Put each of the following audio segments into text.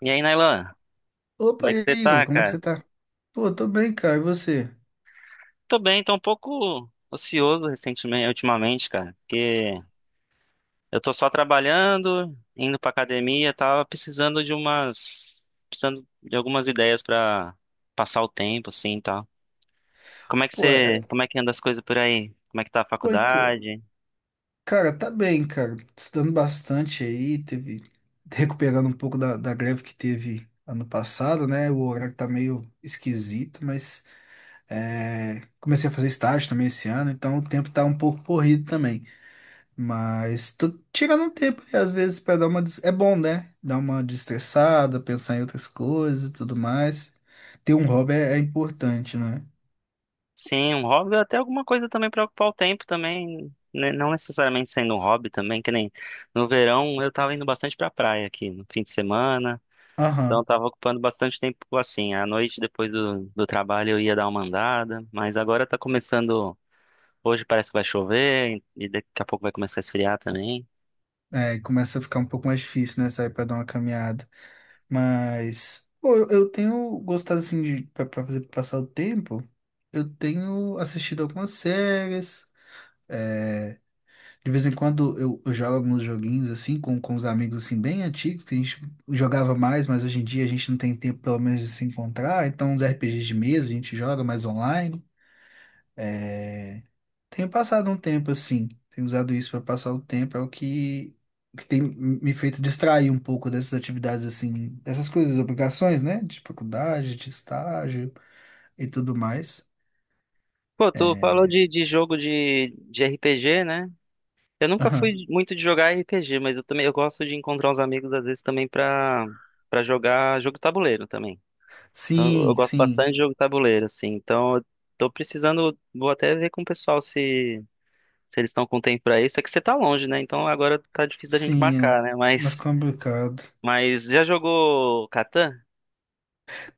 E aí, Nailan, como Opa, é que e você aí, Igor, tá, como é que cara? você tá? Pô, eu tô bem, cara, e você? Tô bem, tô um pouco ocioso recentemente, ultimamente, cara, porque eu tô só trabalhando, indo pra academia, tava precisando de algumas ideias pra passar o tempo, assim, e tal. Pô, é... é, Como é que anda as coisas por aí? Como é que tá a Pô, então. faculdade? Cara, tá bem, cara, estudando bastante aí, Recuperando um pouco da greve que teve ano passado, né? O horário tá meio esquisito, mas comecei a fazer estágio também esse ano, então o tempo tá um pouco corrido também. Mas tô tirando um tempo, aí, às vezes, pra dar uma... des- É bom, né? Dar uma destressada, pensar em outras coisas e tudo mais. Ter um hobby é importante, né? Sim, um hobby, até alguma coisa também pra ocupar o tempo também, né, não necessariamente sendo um hobby também, que nem no verão eu tava indo bastante pra praia aqui, no fim de semana. Então, eu Aham. estava ocupando bastante tempo assim. À noite, depois do trabalho, eu ia dar uma andada, mas agora tá começando. Hoje parece que vai chover e daqui a pouco vai começar a esfriar também. É, começa a ficar um pouco mais difícil, né? Sair pra dar uma caminhada. Mas, pô, eu tenho gostado, assim, pra fazer pra passar o tempo. Eu tenho assistido algumas séries. De vez em quando eu jogo alguns joguinhos, assim, com os amigos, assim, bem antigos, que a gente jogava mais, mas hoje em dia a gente não tem tempo, pelo menos, de se encontrar. Então, uns RPGs de mesa a gente joga mais online. Tenho passado um tempo assim, tenho usado isso para passar o tempo, é o que tem me feito distrair um pouco dessas atividades assim, dessas coisas, obrigações, né? De faculdade, de estágio e tudo mais. Pô, tu falou É. de jogo de RPG, né? Eu nunca Aham. fui muito de jogar RPG, mas eu também eu gosto de encontrar os amigos às vezes também pra jogar jogo tabuleiro também. Então, eu Sim, gosto sim, bastante de jogo tabuleiro, assim. Então, eu tô precisando, vou até ver com o pessoal se eles estão com tempo pra isso, é que você tá longe, né? Então agora tá difícil da gente sim, é marcar, né? mais Mas, complicado. mas já jogou Catan?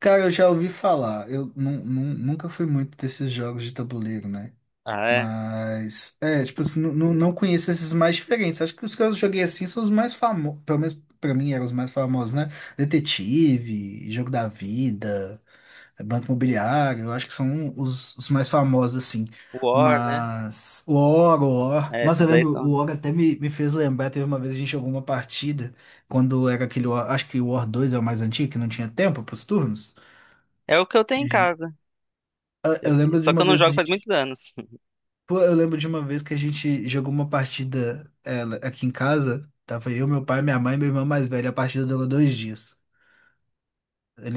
Cara, eu já ouvi falar, eu nunca fui muito desses jogos de tabuleiro, né? Ah, é. Mas, é, tipo, assim, não conheço esses mais diferentes. Acho que os que eu joguei assim são os mais famosos, pelo menos pra mim eram os mais famosos, né? Detetive, Jogo da Vida, Banco Imobiliário, eu acho que são os mais famosos, assim. War, né? Mas, o Oro, É, Nossa, eu esses aí lembro, o são. Oro até me fez lembrar, teve uma vez a gente jogou uma partida, quando era aquele, War- acho que o War 2 é o mais antigo, que não tinha tempo pros turnos. É o que eu tenho em E casa. Eu- Eu lembro de Só que uma eu não vez a jogo faz muitos gente anos. Pô, eu lembro de uma vez que a gente jogou uma partida ela, aqui em casa. Tava eu, meu pai, minha mãe e meu irmão mais velho. A partida durou 2 dias.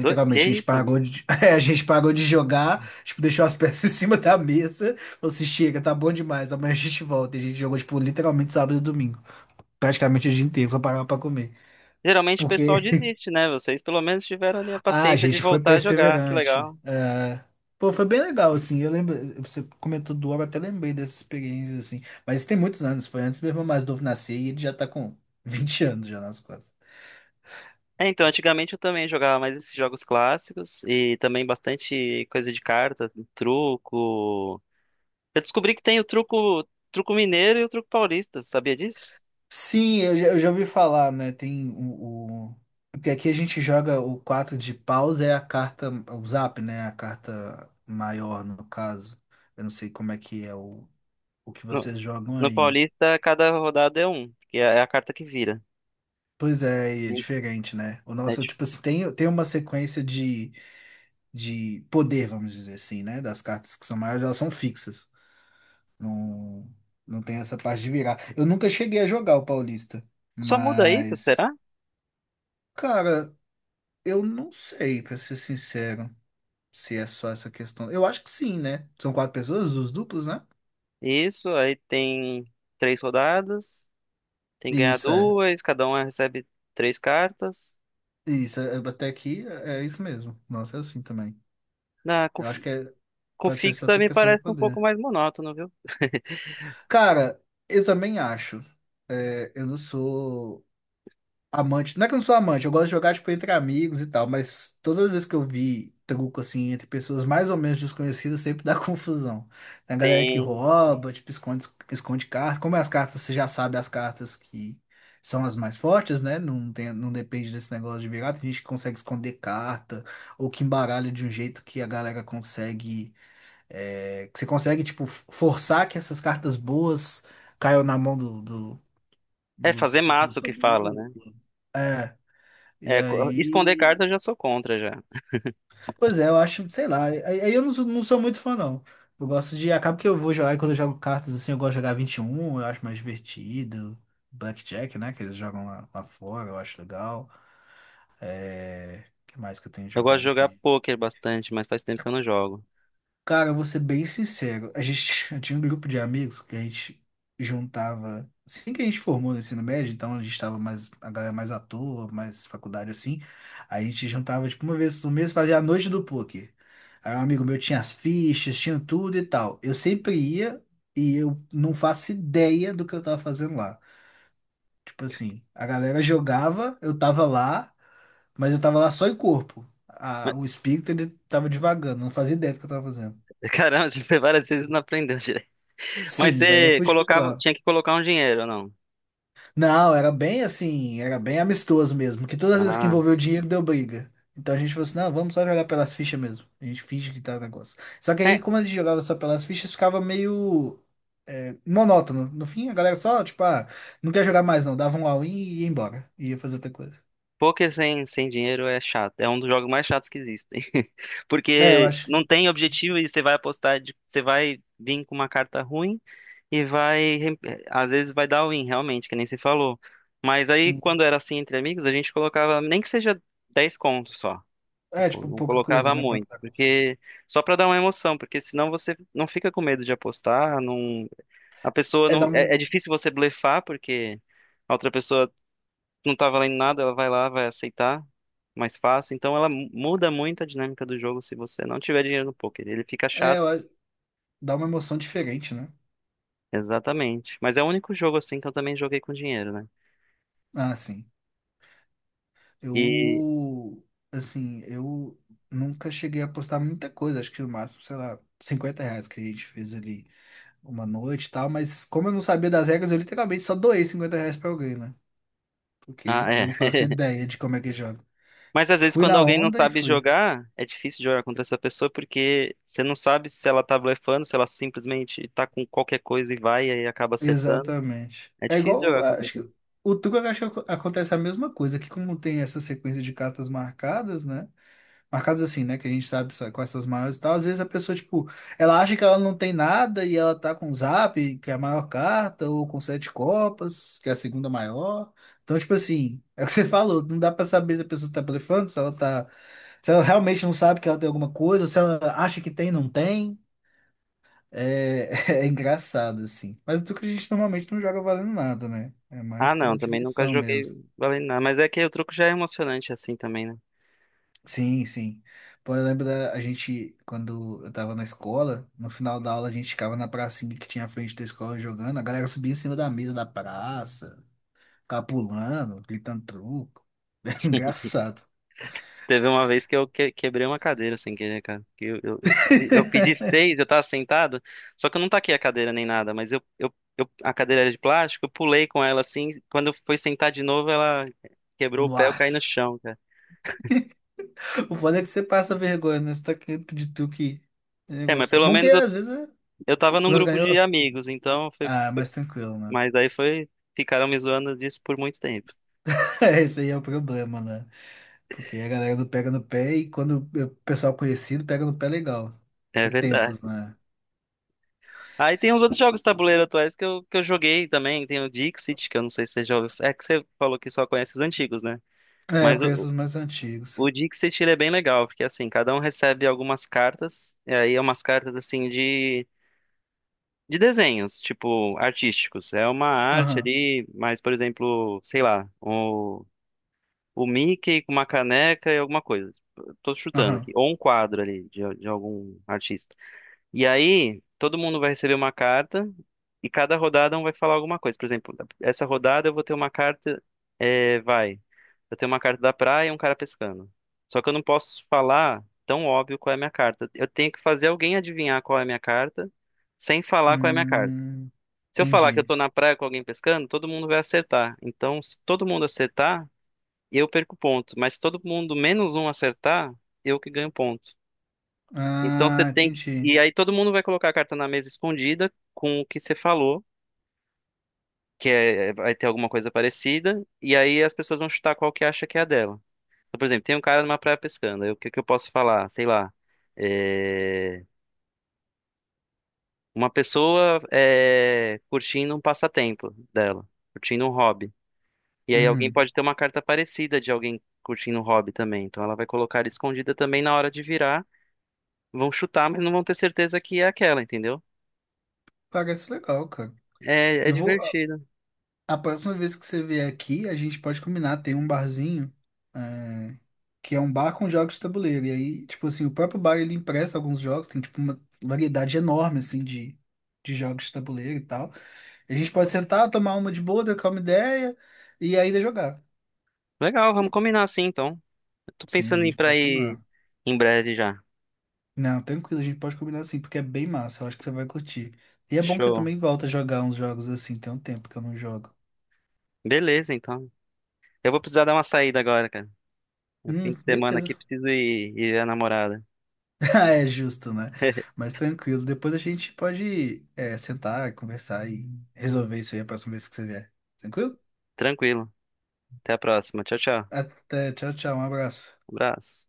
Do... Que a gente isso? pagou de, a gente pagou de jogar, tipo, deixou as peças em cima da mesa. Falou assim, chega, tá bom demais, amanhã a gente volta. E a gente jogou, tipo, literalmente sábado e domingo. Praticamente o dia inteiro, só parava pra comer. Geralmente o Porque pessoal desiste, né? Vocês pelo menos tiveram ali a Ah, a paciência de gente foi voltar a jogar. Que perseverante. legal. É. Pô, foi bem legal, assim. Eu lembro, você comentou do Ouro, eu até lembrei dessa experiência, assim. Mas isso tem muitos anos, foi antes meu irmão mais novo nascer e ele já tá com 20 anos já nas costas. É, então, antigamente eu também jogava mais esses jogos clássicos e também bastante coisa de cartas, truco. Eu descobri que tem o truco, truco mineiro e o truco paulista, sabia disso? Sim, eu já ouvi falar, né? Porque aqui a gente joga o 4 de paus, é a carta, o zap, né? A carta maior, no caso. Eu não sei como é que é o que No, vocês jogam no aí. Paulista, cada rodada é um, que é a carta que vira. Pois é, e é Sim. diferente, né? O É nosso, dif- tipo, assim, tem uma sequência de poder, vamos dizer assim, né? Das cartas que são maiores, elas são fixas. Não, não tem essa parte de virar. Eu nunca cheguei a jogar o Paulista, Só muda isso, mas, será? cara, eu não sei, pra ser sincero, se é só essa questão. Eu acho que sim, né? São quatro pessoas, os duplos, né? Isso, aí tem três rodadas, tem que ganhar Isso é. duas, cada um recebe três cartas. Isso, é, até aqui é isso mesmo. Nossa, é assim também. Na com, Eu acho fi- que com pode ser só fixa essa me questão do parece um pouco poder. mais monótono, viu? Cara, eu também acho. É, eu não sou. Amante, não é que eu não sou amante, eu gosto de jogar, tipo, entre amigos e tal, mas todas as vezes que eu vi truco, assim, entre pessoas mais ou menos desconhecidas, sempre dá confusão. Tem a galera que Tem. rouba, tipo, esconde carta. Como é as cartas, você já sabe as cartas que são as mais fortes, né? Não tem, não depende desse negócio de virar. Tem gente que consegue esconder carta, ou que embaralha de um jeito que a galera consegue, é, que você consegue, tipo, forçar que essas cartas boas caiam na mão do, do, É fazer da maço sua que fala, né? dupla. E Esconder aí. carta eu já sou contra já. Pois é, eu acho, sei lá. Aí eu não sou muito fã, não. Eu gosto de. Acaba que eu vou jogar, e quando eu jogo cartas assim, eu gosto de jogar 21 eu acho mais divertido. Blackjack, né? Que eles jogam lá fora, eu acho legal. É. O que mais que eu tenho Eu gosto de jogado jogar aqui? pôquer bastante, mas faz tempo que eu não jogo. Cara, eu vou ser bem sincero. A gente eu tinha um grupo de amigos que a gente juntava. Assim que a gente formou no ensino médio, então a gente estava mais, a galera mais à toa, mais faculdade assim. A gente juntava, tipo, uma vez no mês, fazia a noite do poker. Aí um amigo meu tinha as fichas, tinha tudo e tal. Eu sempre ia e eu não faço ideia do que eu tava fazendo lá. Tipo assim, a galera jogava, eu tava lá, mas eu tava lá só em corpo. Mas, O espírito, ele tava divagando, não fazia ideia do que eu tava fazendo. caramba, você várias vezes não aprendeu direito. Mas Sim, velho, eu você fui, tipo, sei colocava, lá. tinha que colocar um dinheiro, ou não? Não, era bem assim, era bem amistoso mesmo, que todas as vezes que Ah. envolveu dinheiro deu briga. Então a gente falou assim, não, vamos só jogar pelas fichas mesmo. A gente finge que tá negócio. Só que aí, É, como a gente jogava só pelas fichas, ficava meio monótono. No fim, a galera só, tipo, ah, não quer jogar mais não, dava um all-in e ia embora. E ia fazer outra coisa. poker sem dinheiro é chato. É um dos jogos mais chatos que existem. É, eu Porque acho não que, tem objetivo e você vai apostar, você vai vir com uma carta ruim e vai. Às vezes vai dar win, realmente, que nem se falou. Mas aí, sim. quando era assim entre amigos, a gente colocava nem que seja 10 contos só. É, Tipo, tipo, não pouca coisa, colocava né, pra não muito. dar confusão. Porque só pra dar uma emoção, porque senão você não fica com medo de apostar. Não... A pessoa É, dá não. uma, É, difícil você blefar, porque a outra pessoa não tá valendo nada, ela vai lá, vai aceitar mais fácil. Então ela muda muito a dinâmica do jogo se você não tiver dinheiro no poker. Ele fica é, chato. eu acho- dá uma emoção diferente, né? Exatamente. Mas é o único jogo assim que eu também joguei com dinheiro, né? Ah, sim. E Eu, eu nunca cheguei a apostar muita coisa, acho que o máximo, sei lá, R$ 50 que a gente fez ali uma noite e tal, mas como eu não sabia das regras, eu literalmente só doei R$ 50 pra alguém, né? Porque ah, é. eu não faço ideia de como é que joga. Mas às vezes Fui quando na alguém não onda e sabe fui. jogar, é difícil jogar contra essa pessoa porque você não sabe se ela tá blefando, se ela simplesmente tá com qualquer coisa e vai e aí acaba acertando. Exatamente. É É difícil igual, jogar contra acho ele. que o truco, eu acho que acontece a mesma coisa, que como tem essa sequência de cartas marcadas, né? Marcadas assim, né? Que a gente sabe só quais são as maiores e tal. Às vezes a pessoa, tipo, ela acha que ela não tem nada e ela tá com o Zap, que é a maior carta, ou com sete copas, que é a segunda maior. Então, tipo assim, é o que você falou, não dá pra saber se a pessoa tá blefando, se ela tá. Se ela realmente não sabe que ela tem alguma coisa, ou se ela acha que tem, não tem. É, é engraçado, assim. Mas o truque a gente normalmente não joga valendo nada, né? É mais Ah, não, pela também nunca diversão joguei mesmo. valendo nada, mas é que o truco já é emocionante assim também, né? Sim, sim. Pô, eu lembro da a gente, quando eu tava na escola, no final da aula a gente ficava na pracinha que tinha à frente da escola jogando, a galera subia em cima da mesa da praça, ficava pulando, gritando truco. Era engraçado. Teve uma vez que quebrei uma cadeira sem querer, cara. Que eu pedi seis, eu tava sentado, só que eu não taquei a cadeira nem nada, mas a cadeira era de plástico, eu pulei com ela assim. Quando eu fui sentar de novo, ela quebrou o pé, eu caí no Nossa. chão, cara. O foda é que você passa vergonha, né? Você tá querendo pedir truco e é um É, mas negócio. pelo Bom que menos eu, às vezes é. Pelo eu tava num menos grupo ganhou. de amigos, então foi. Ah, mais tranquilo, né? Mas aí foi. Ficaram me zoando disso por muito tempo. Esse aí é o problema, né? Porque a galera não pega no pé e quando o pessoal conhecido pega no pé legal. É Que tempos, verdade. né? Aí tem os outros jogos de tabuleiro atuais que eu joguei também. Tem o Dixit, que eu não sei se você já ouviu. É que você falou que só conhece os antigos, né? É, eu Mas conheço o, os mais antigos. o dia que você tira é bem legal, porque assim, cada um recebe algumas cartas, e aí é umas cartas assim de desenhos, tipo, artísticos. É uma arte Aham, ali, mas, por exemplo, sei lá, o Mickey com uma caneca e alguma coisa. Tô chutando aham. aqui. Ou um quadro ali de algum artista. E aí, todo mundo vai receber uma carta e cada rodada um vai falar alguma coisa. Por exemplo, essa rodada eu vou ter uma carta, é, vai. Eu tenho uma carta da praia e um cara pescando. Só que eu não posso falar tão óbvio qual é a minha carta. Eu tenho que fazer alguém adivinhar qual é a minha carta sem falar qual é a minha carta. Hum, Se eu falar que eu entendi. tô na praia com alguém pescando, todo mundo vai acertar. Então, se todo mundo acertar, eu perco ponto. Mas se todo mundo menos um acertar, eu que ganho ponto. Então você Ah, tem que. entendi. E aí todo mundo vai colocar a carta na mesa escondida com o que você falou, vai ter alguma coisa parecida, e aí as pessoas vão chutar qual que acha que é a dela. Então, por exemplo, tem um cara numa praia pescando, aí o que que eu posso falar? Sei lá. é, Uma pessoa curtindo um passatempo dela, curtindo um hobby. E aí alguém Uhum. pode ter uma carta parecida de alguém curtindo um hobby também. Então ela vai colocar escondida também na hora de virar. Vão chutar, mas não vão ter certeza que é aquela, entendeu? Parece legal, cara. É, é Eu vou. Divertido. A próxima vez que você vier aqui, a gente pode combinar. Tem um barzinho, é, que é um bar com jogos de tabuleiro. E aí, tipo assim, o próprio bar ele empresta alguns jogos. Tem, tipo, uma variedade enorme, assim, de jogos de tabuleiro e tal. E a gente pode sentar, tomar uma de boa, trocar uma ideia e ainda jogar. Legal, vamos combinar assim então. Eu tô Sim, a pensando em gente pode ir combinar. em breve já. Não, tranquilo, a gente pode combinar assim, porque é bem massa, eu acho que você vai curtir. E é bom que eu Show. também volto a jogar uns jogos assim, tem um tempo que eu não jogo. Beleza, então. Eu vou precisar dar uma saída agora, cara. No fim de semana aqui Beleza. preciso ir ver a namorada. Ah, é justo, né? Mas tranquilo, depois a gente pode sentar, conversar e resolver isso aí a próxima vez que você vier. Tranquilo? Tranquilo. Até a próxima. Tchau, tchau. Até, tchau, tchau, um abraço. Abraço.